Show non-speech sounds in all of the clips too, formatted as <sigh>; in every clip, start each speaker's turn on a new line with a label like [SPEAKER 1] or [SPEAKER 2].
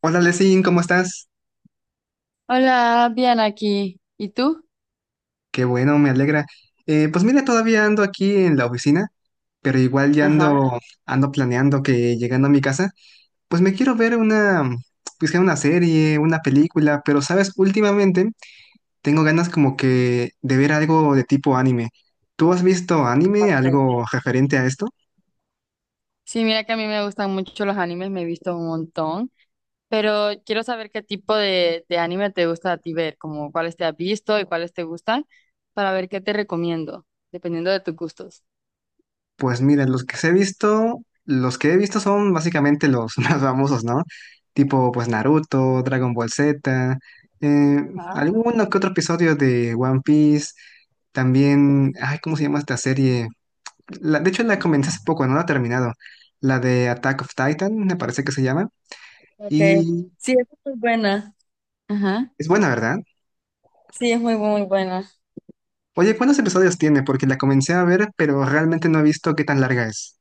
[SPEAKER 1] Hola, Lesin, ¿cómo estás?
[SPEAKER 2] Hola, bien aquí. ¿Y tú?
[SPEAKER 1] Qué bueno, me alegra. Pues mira, todavía ando aquí en la oficina, pero igual ya
[SPEAKER 2] Ajá.
[SPEAKER 1] ando, ando planeando que llegando a mi casa, pues me quiero ver una, pues que una serie, una película, pero sabes, últimamente tengo ganas como que de ver algo de tipo anime. ¿Tú has visto anime,
[SPEAKER 2] Ok.
[SPEAKER 1] algo referente a esto?
[SPEAKER 2] Sí, mira que a mí me gustan mucho los animes, me he visto un montón, pero quiero saber qué tipo de anime te gusta a ti ver, como cuáles te has visto y cuáles te gustan, para ver qué te recomiendo, dependiendo de tus gustos.
[SPEAKER 1] Pues mira, los que he visto son básicamente los <laughs> más famosos, ¿no? Tipo, pues Naruto, Dragon Ball Z, eh,
[SPEAKER 2] Ah.
[SPEAKER 1] alguno que otro episodio de One Piece, también, ay, ¿cómo se llama esta serie? De hecho, la comencé hace poco, no la he terminado. La de Attack of Titan, me parece que se llama,
[SPEAKER 2] Ok.
[SPEAKER 1] y
[SPEAKER 2] Sí, es muy buena. Ajá.
[SPEAKER 1] es buena, ¿verdad?
[SPEAKER 2] Sí, es muy, muy buena.
[SPEAKER 1] Oye, ¿cuántos episodios tiene? Porque la comencé a ver, pero realmente no he visto qué tan larga es.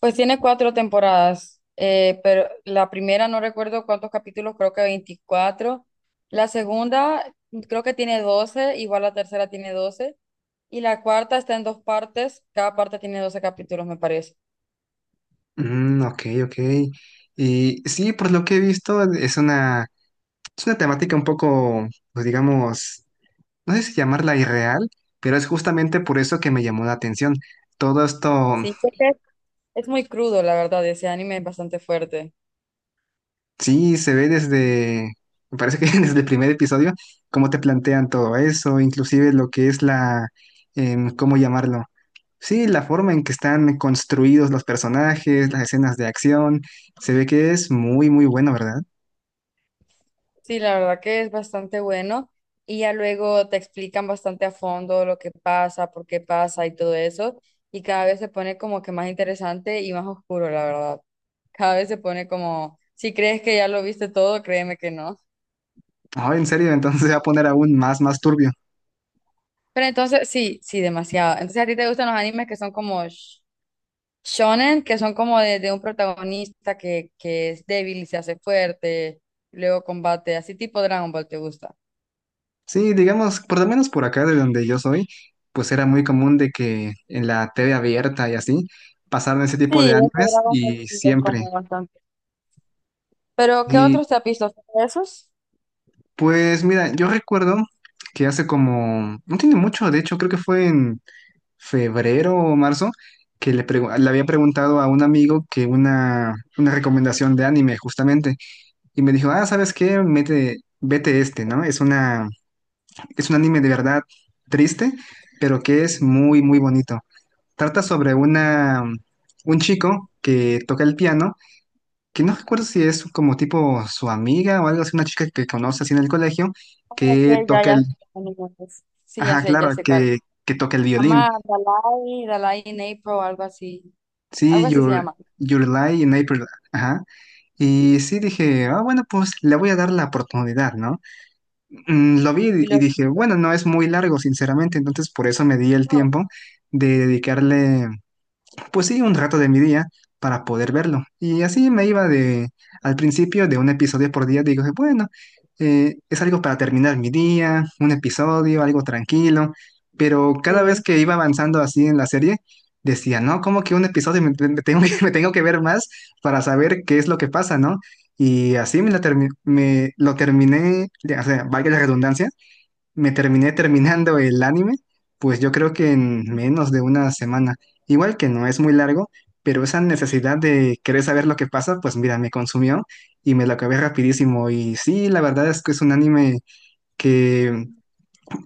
[SPEAKER 2] Pues tiene cuatro temporadas, pero la primera no recuerdo cuántos capítulos, creo que 24. La segunda, creo que tiene 12. Igual, la tercera tiene 12. Y la cuarta está en dos partes, cada parte tiene 12 capítulos, me parece.
[SPEAKER 1] Mm, ok, ok. Y sí, por lo que he visto, es una. Es una temática un poco, pues digamos, no sé si llamarla irreal, pero es justamente por eso que me llamó la atención. Todo esto,
[SPEAKER 2] Sí, creo que es muy crudo, la verdad, ese anime es bastante fuerte.
[SPEAKER 1] sí, se ve desde, me parece que <laughs> desde el primer episodio, cómo te plantean todo eso, inclusive lo que es la, ¿cómo llamarlo? Sí, la forma en que están construidos los personajes, las escenas de acción, se ve que es muy, muy bueno, ¿verdad?
[SPEAKER 2] Sí, la verdad que es bastante bueno. Y ya luego te explican bastante a fondo lo que pasa, por qué pasa y todo eso. Y cada vez se pone como que más interesante y más oscuro, la verdad. Cada vez se pone como, si crees que ya lo viste todo, créeme que no.
[SPEAKER 1] Ah, en serio, <laughs> entonces se va a poner aún más, más turbio.
[SPEAKER 2] Pero entonces, sí, sí, demasiado. Entonces, ¿a ti te gustan los animes que son como shonen, que son como de un protagonista que es débil y se hace fuerte, luego combate, así tipo Dragon Ball, te gusta?
[SPEAKER 1] Sí, digamos, por lo menos por acá de donde yo soy, pues era muy común de que en la TV abierta y así pasaran ese tipo
[SPEAKER 2] Sí,
[SPEAKER 1] de
[SPEAKER 2] ese
[SPEAKER 1] animes
[SPEAKER 2] Dragon Ball
[SPEAKER 1] y
[SPEAKER 2] sí es
[SPEAKER 1] siempre.
[SPEAKER 2] como bastante. Pero, ¿qué
[SPEAKER 1] Y
[SPEAKER 2] otros te has visto? ¿Solo esos?
[SPEAKER 1] pues mira, yo recuerdo que hace como, no tiene mucho, de hecho creo que fue en febrero o marzo, le había preguntado a un amigo que una recomendación de anime justamente. Y me dijo, ah, ¿sabes qué? Mete, vete este, ¿no? Es una, es un anime de verdad triste, pero que es muy, muy bonito. Trata sobre una, un chico que toca el piano, que no recuerdo si es como tipo su amiga o algo así, una chica que conoce así en el colegio,
[SPEAKER 2] Como
[SPEAKER 1] que
[SPEAKER 2] que ya,
[SPEAKER 1] toca
[SPEAKER 2] ya,
[SPEAKER 1] el,
[SPEAKER 2] animales. Sí,
[SPEAKER 1] ajá, claro,
[SPEAKER 2] ya sé cuál.
[SPEAKER 1] que toca el
[SPEAKER 2] Se
[SPEAKER 1] violín.
[SPEAKER 2] llama Dalai, Dalai in April, algo así. Algo
[SPEAKER 1] Sí,
[SPEAKER 2] así se
[SPEAKER 1] Your,
[SPEAKER 2] llama.
[SPEAKER 1] Your Lie in April, ajá. Y sí dije, ah, bueno, pues le voy a dar la oportunidad, ¿no? Mm, lo vi
[SPEAKER 2] Y
[SPEAKER 1] y
[SPEAKER 2] los
[SPEAKER 1] dije, bueno, no es muy largo, sinceramente, entonces por eso me di el tiempo de dedicarle pues sí, un rato de mi día para poder verlo. Y así me iba de, al principio de un episodio por día, digo, bueno, es algo para terminar mi día, un episodio, algo tranquilo, pero cada vez
[SPEAKER 2] sí.
[SPEAKER 1] que iba avanzando así en la serie, decía, no, como que un episodio me, me tengo que, <laughs> me tengo que ver más para saber qué es lo que pasa, ¿no? Y así me, me lo terminé, o sea, valga la redundancia, me terminé terminando el anime, pues yo creo que en menos de una semana. Igual que no es muy largo, pero esa necesidad de querer saber lo que pasa, pues mira, me consumió y me lo acabé rapidísimo. Y sí, la verdad es que es un anime que,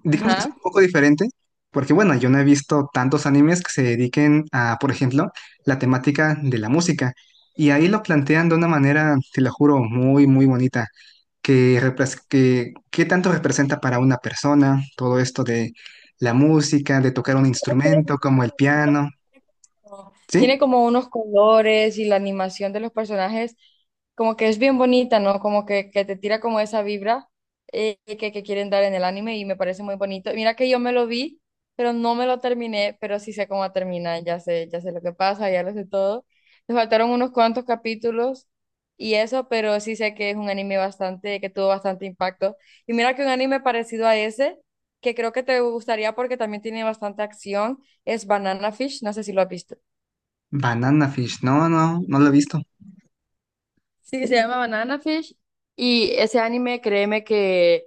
[SPEAKER 1] digamos que es
[SPEAKER 2] Ajá.
[SPEAKER 1] un poco diferente, porque bueno, yo no he visto tantos animes que se dediquen a, por ejemplo, la temática de la música. Y ahí lo plantean de una manera, te lo juro, muy, muy bonita que, qué tanto representa para una persona todo esto de la música, de tocar un instrumento como el piano,
[SPEAKER 2] Tiene
[SPEAKER 1] ¿sí?
[SPEAKER 2] como unos colores y la animación de los personajes, como que es bien bonita, ¿no? Como que te tira como esa vibra, que quieren dar en el anime y me parece muy bonito. Mira que yo me lo vi, pero no me lo terminé, pero sí sé cómo termina, ya sé lo que pasa, ya lo sé todo. Me faltaron unos cuantos capítulos y eso, pero sí sé que es un anime bastante, que tuvo bastante impacto. Y mira que un anime parecido a ese, que creo que te gustaría porque también tiene bastante acción, es Banana Fish, no sé si lo has visto.
[SPEAKER 1] Banana Fish, no, no, no lo he visto.
[SPEAKER 2] Sí, se llama Banana Fish. Y ese anime, créeme que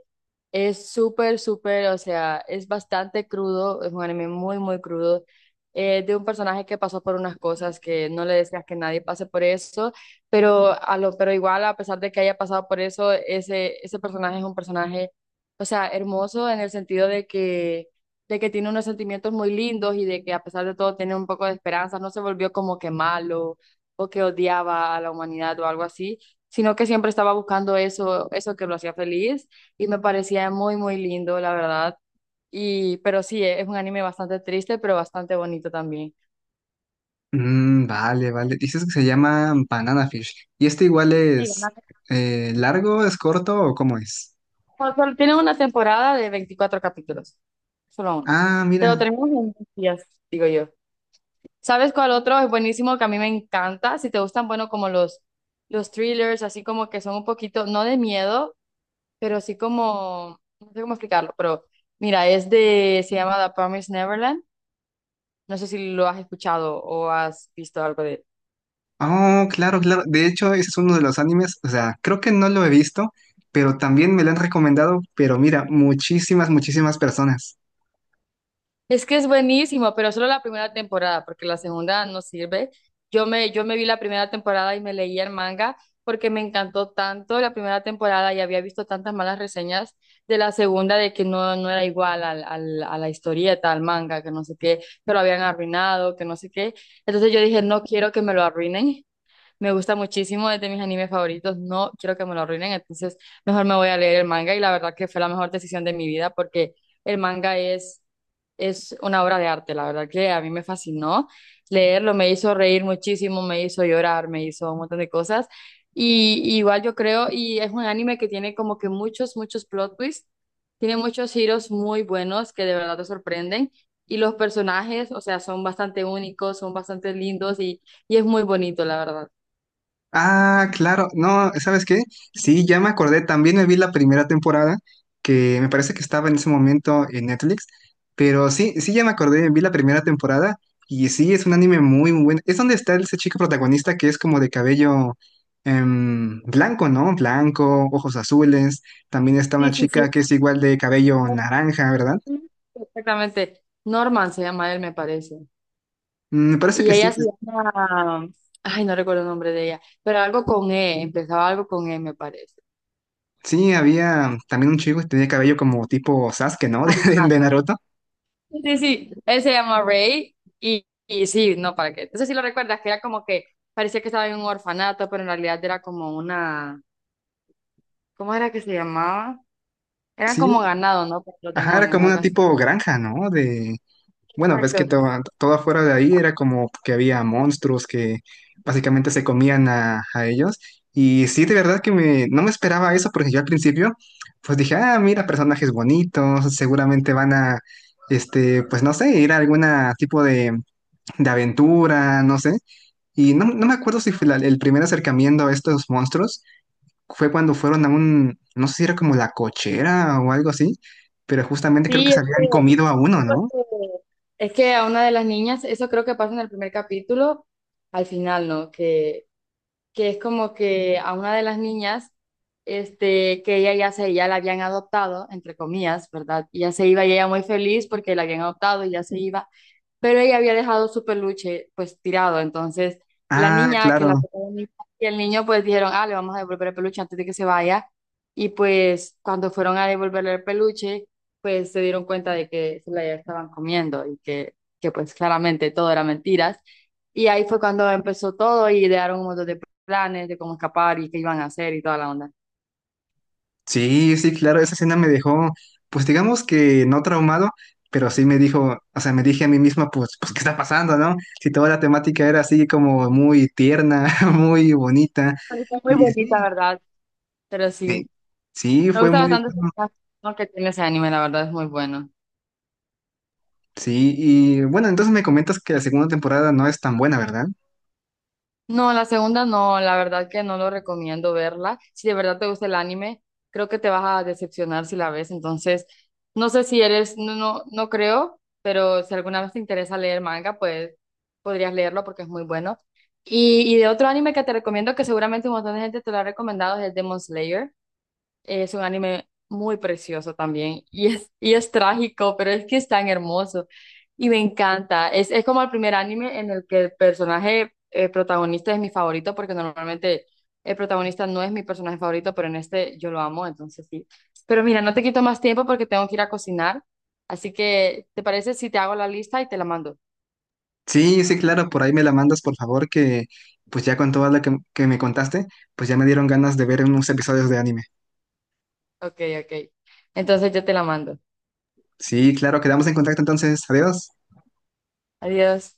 [SPEAKER 2] es súper, súper, o sea, es bastante crudo, es un anime muy, muy crudo, de un personaje que pasó por unas cosas que no le deseas que nadie pase por eso, pero igual, a pesar de que haya pasado por eso, ese personaje es un personaje, o sea, hermoso en el sentido de que tiene unos sentimientos muy lindos y de que a pesar de todo tiene un poco de esperanza, no se volvió como que malo o que odiaba a la humanidad o algo así, sino que siempre estaba buscando eso, eso que lo hacía feliz y me parecía muy, muy lindo, la verdad. Pero sí, es un anime bastante triste, pero bastante bonito también.
[SPEAKER 1] Mm, vale, vale, dices que se llama Banana Fish. ¿Y este igual
[SPEAKER 2] Sí,
[SPEAKER 1] es largo, es corto o cómo es?
[SPEAKER 2] o sea, tiene una temporada de 24 capítulos, solo uno.
[SPEAKER 1] Ah,
[SPEAKER 2] Te lo
[SPEAKER 1] mira.
[SPEAKER 2] tenemos en 10 días, digo yo. ¿Sabes cuál otro es buenísimo que a mí me encanta? Si te gustan, bueno, como los thrillers, así como que son un poquito, no de miedo, pero así como, no sé cómo explicarlo, pero mira, se llama The Promised Neverland. No sé si lo has escuchado o has visto algo de él.
[SPEAKER 1] Oh, claro, claro. De hecho, ese es uno de los animes, o sea, creo que no lo he visto, pero también me lo han recomendado, pero mira, muchísimas, muchísimas personas.
[SPEAKER 2] Es que es buenísimo, pero solo la primera temporada, porque la segunda no sirve. Yo me vi la primera temporada y me leí el manga porque me encantó tanto la primera temporada y había visto tantas malas reseñas de la segunda de que no, no era igual a la historieta, al manga, que no sé qué, que lo habían arruinado, que no sé qué. Entonces yo dije, no quiero que me lo arruinen. Me gusta muchísimo, es de mis animes favoritos. No quiero que me lo arruinen, entonces mejor me voy a leer el manga. Y la verdad que fue la mejor decisión de mi vida porque el manga es una obra de arte. La verdad que a mí me fascinó leerlo, me hizo reír muchísimo, me hizo llorar, me hizo un montón de cosas. Y igual yo creo, y es un anime que tiene como que muchos, muchos plot twists. Tiene muchos giros muy buenos que de verdad te sorprenden. Y los personajes, o sea, son bastante únicos, son bastante lindos y es muy bonito, la verdad.
[SPEAKER 1] Ah, claro. No, ¿sabes qué? Sí, ya me acordé. También me vi la primera temporada, que me parece que estaba en ese momento en Netflix. Pero sí, sí, ya me acordé. Vi la primera temporada. Y sí, es un anime muy, muy bueno. Es donde está ese chico protagonista que es como de cabello blanco, ¿no? Blanco, ojos azules. También está una
[SPEAKER 2] Sí, sí, sí.
[SPEAKER 1] chica que es igual de cabello naranja, ¿verdad?
[SPEAKER 2] Exactamente. Norman se llama él, me parece.
[SPEAKER 1] Mm, me parece
[SPEAKER 2] Y
[SPEAKER 1] que sí.
[SPEAKER 2] ella se llama, ay, no recuerdo el nombre de ella, pero algo con E, empezaba algo con E, me parece.
[SPEAKER 1] Sí, había también un chico que tenía cabello como tipo Sasuke, ¿no? <laughs>
[SPEAKER 2] Ajá.
[SPEAKER 1] De Naruto.
[SPEAKER 2] Sí, sí, él se llama Ray y sí, no, ¿para qué? Entonces sí lo recuerdas, que era como que parecía que estaba en un orfanato, pero en realidad era como una, ¿cómo era que se llamaba? Eran como
[SPEAKER 1] Sí,
[SPEAKER 2] ganado, ¿no? Por los
[SPEAKER 1] ajá, era
[SPEAKER 2] demonios,
[SPEAKER 1] como
[SPEAKER 2] algo
[SPEAKER 1] una
[SPEAKER 2] así.
[SPEAKER 1] tipo granja, ¿no? De, bueno, ves que
[SPEAKER 2] Exacto.
[SPEAKER 1] todo, todo afuera de ahí era como que había monstruos que básicamente se comían a ellos. Y sí, de verdad que me, no me esperaba eso porque yo al principio, pues dije, ah, mira, personajes bonitos, seguramente van a, este, pues no sé, ir a alguna tipo de aventura, no sé. Y no, no me acuerdo si fue el primer acercamiento a estos monstruos fue cuando fueron a un, no sé si era como la cochera o algo así, pero justamente creo que
[SPEAKER 2] Sí,
[SPEAKER 1] se
[SPEAKER 2] este,
[SPEAKER 1] habían comido a uno, ¿no?
[SPEAKER 2] porque es que a una de las niñas, eso creo que pasa en el primer capítulo, al final, ¿no? Que es como que a una de las niñas, este, que ella ya la habían adoptado, entre comillas, ¿verdad? Y ya se iba y ella muy feliz porque la habían adoptado y ya se iba, pero ella había dejado su peluche pues tirado. Entonces la
[SPEAKER 1] Ah,
[SPEAKER 2] niña, que es la
[SPEAKER 1] claro.
[SPEAKER 2] protagonista, y el niño pues dijeron, ah, le vamos a devolver el peluche antes de que se vaya. Y pues cuando fueron a devolverle el peluche, pues se dieron cuenta de que se la estaban comiendo y que pues claramente todo era mentiras. Y ahí fue cuando empezó todo y idearon un montón de planes de cómo escapar y qué iban a hacer y toda la onda.
[SPEAKER 1] Sí, sí, claro, esa escena me dejó, pues digamos que no traumado, pero sí me dijo, o sea, me dije a mí misma, pues, pues, ¿qué está pasando, no? Si toda la temática era así como muy tierna, <laughs> muy bonita,
[SPEAKER 2] Está muy
[SPEAKER 1] y
[SPEAKER 2] bonita,
[SPEAKER 1] sí,
[SPEAKER 2] ¿verdad? Pero
[SPEAKER 1] sí,
[SPEAKER 2] sí,
[SPEAKER 1] sí,
[SPEAKER 2] me
[SPEAKER 1] fue
[SPEAKER 2] gusta
[SPEAKER 1] muy
[SPEAKER 2] bastante
[SPEAKER 1] bueno.
[SPEAKER 2] el que tiene ese anime, la verdad es muy bueno.
[SPEAKER 1] Sí, y bueno, entonces me comentas que la segunda temporada no es tan buena, ¿verdad?
[SPEAKER 2] No, la segunda no, la verdad que no lo recomiendo verla. Si de verdad te gusta el anime, creo que te vas a decepcionar si la ves. Entonces, no sé si eres, no, no, no creo, pero si alguna vez te interesa leer manga, pues podrías leerlo porque es muy bueno. Y de otro anime que te recomiendo, que seguramente un montón de gente te lo ha recomendado, es el Demon Slayer. Es un anime muy precioso también y es trágico, pero es que es tan hermoso y me encanta. Es como el primer anime en el que el personaje protagonista es mi favorito, porque normalmente el protagonista no es mi personaje favorito, pero en este yo lo amo, entonces sí. Pero mira, no te quito más tiempo porque tengo que ir a cocinar, así que ¿te parece si te hago la lista y te la mando?
[SPEAKER 1] Sí, sí, claro, por ahí me la mandas, por favor, que pues ya con toda la que me contaste, pues ya me dieron ganas de ver unos episodios de anime.
[SPEAKER 2] Ok, ok. Entonces yo te la mando.
[SPEAKER 1] Sí, claro, quedamos en contacto entonces. Adiós.
[SPEAKER 2] Adiós.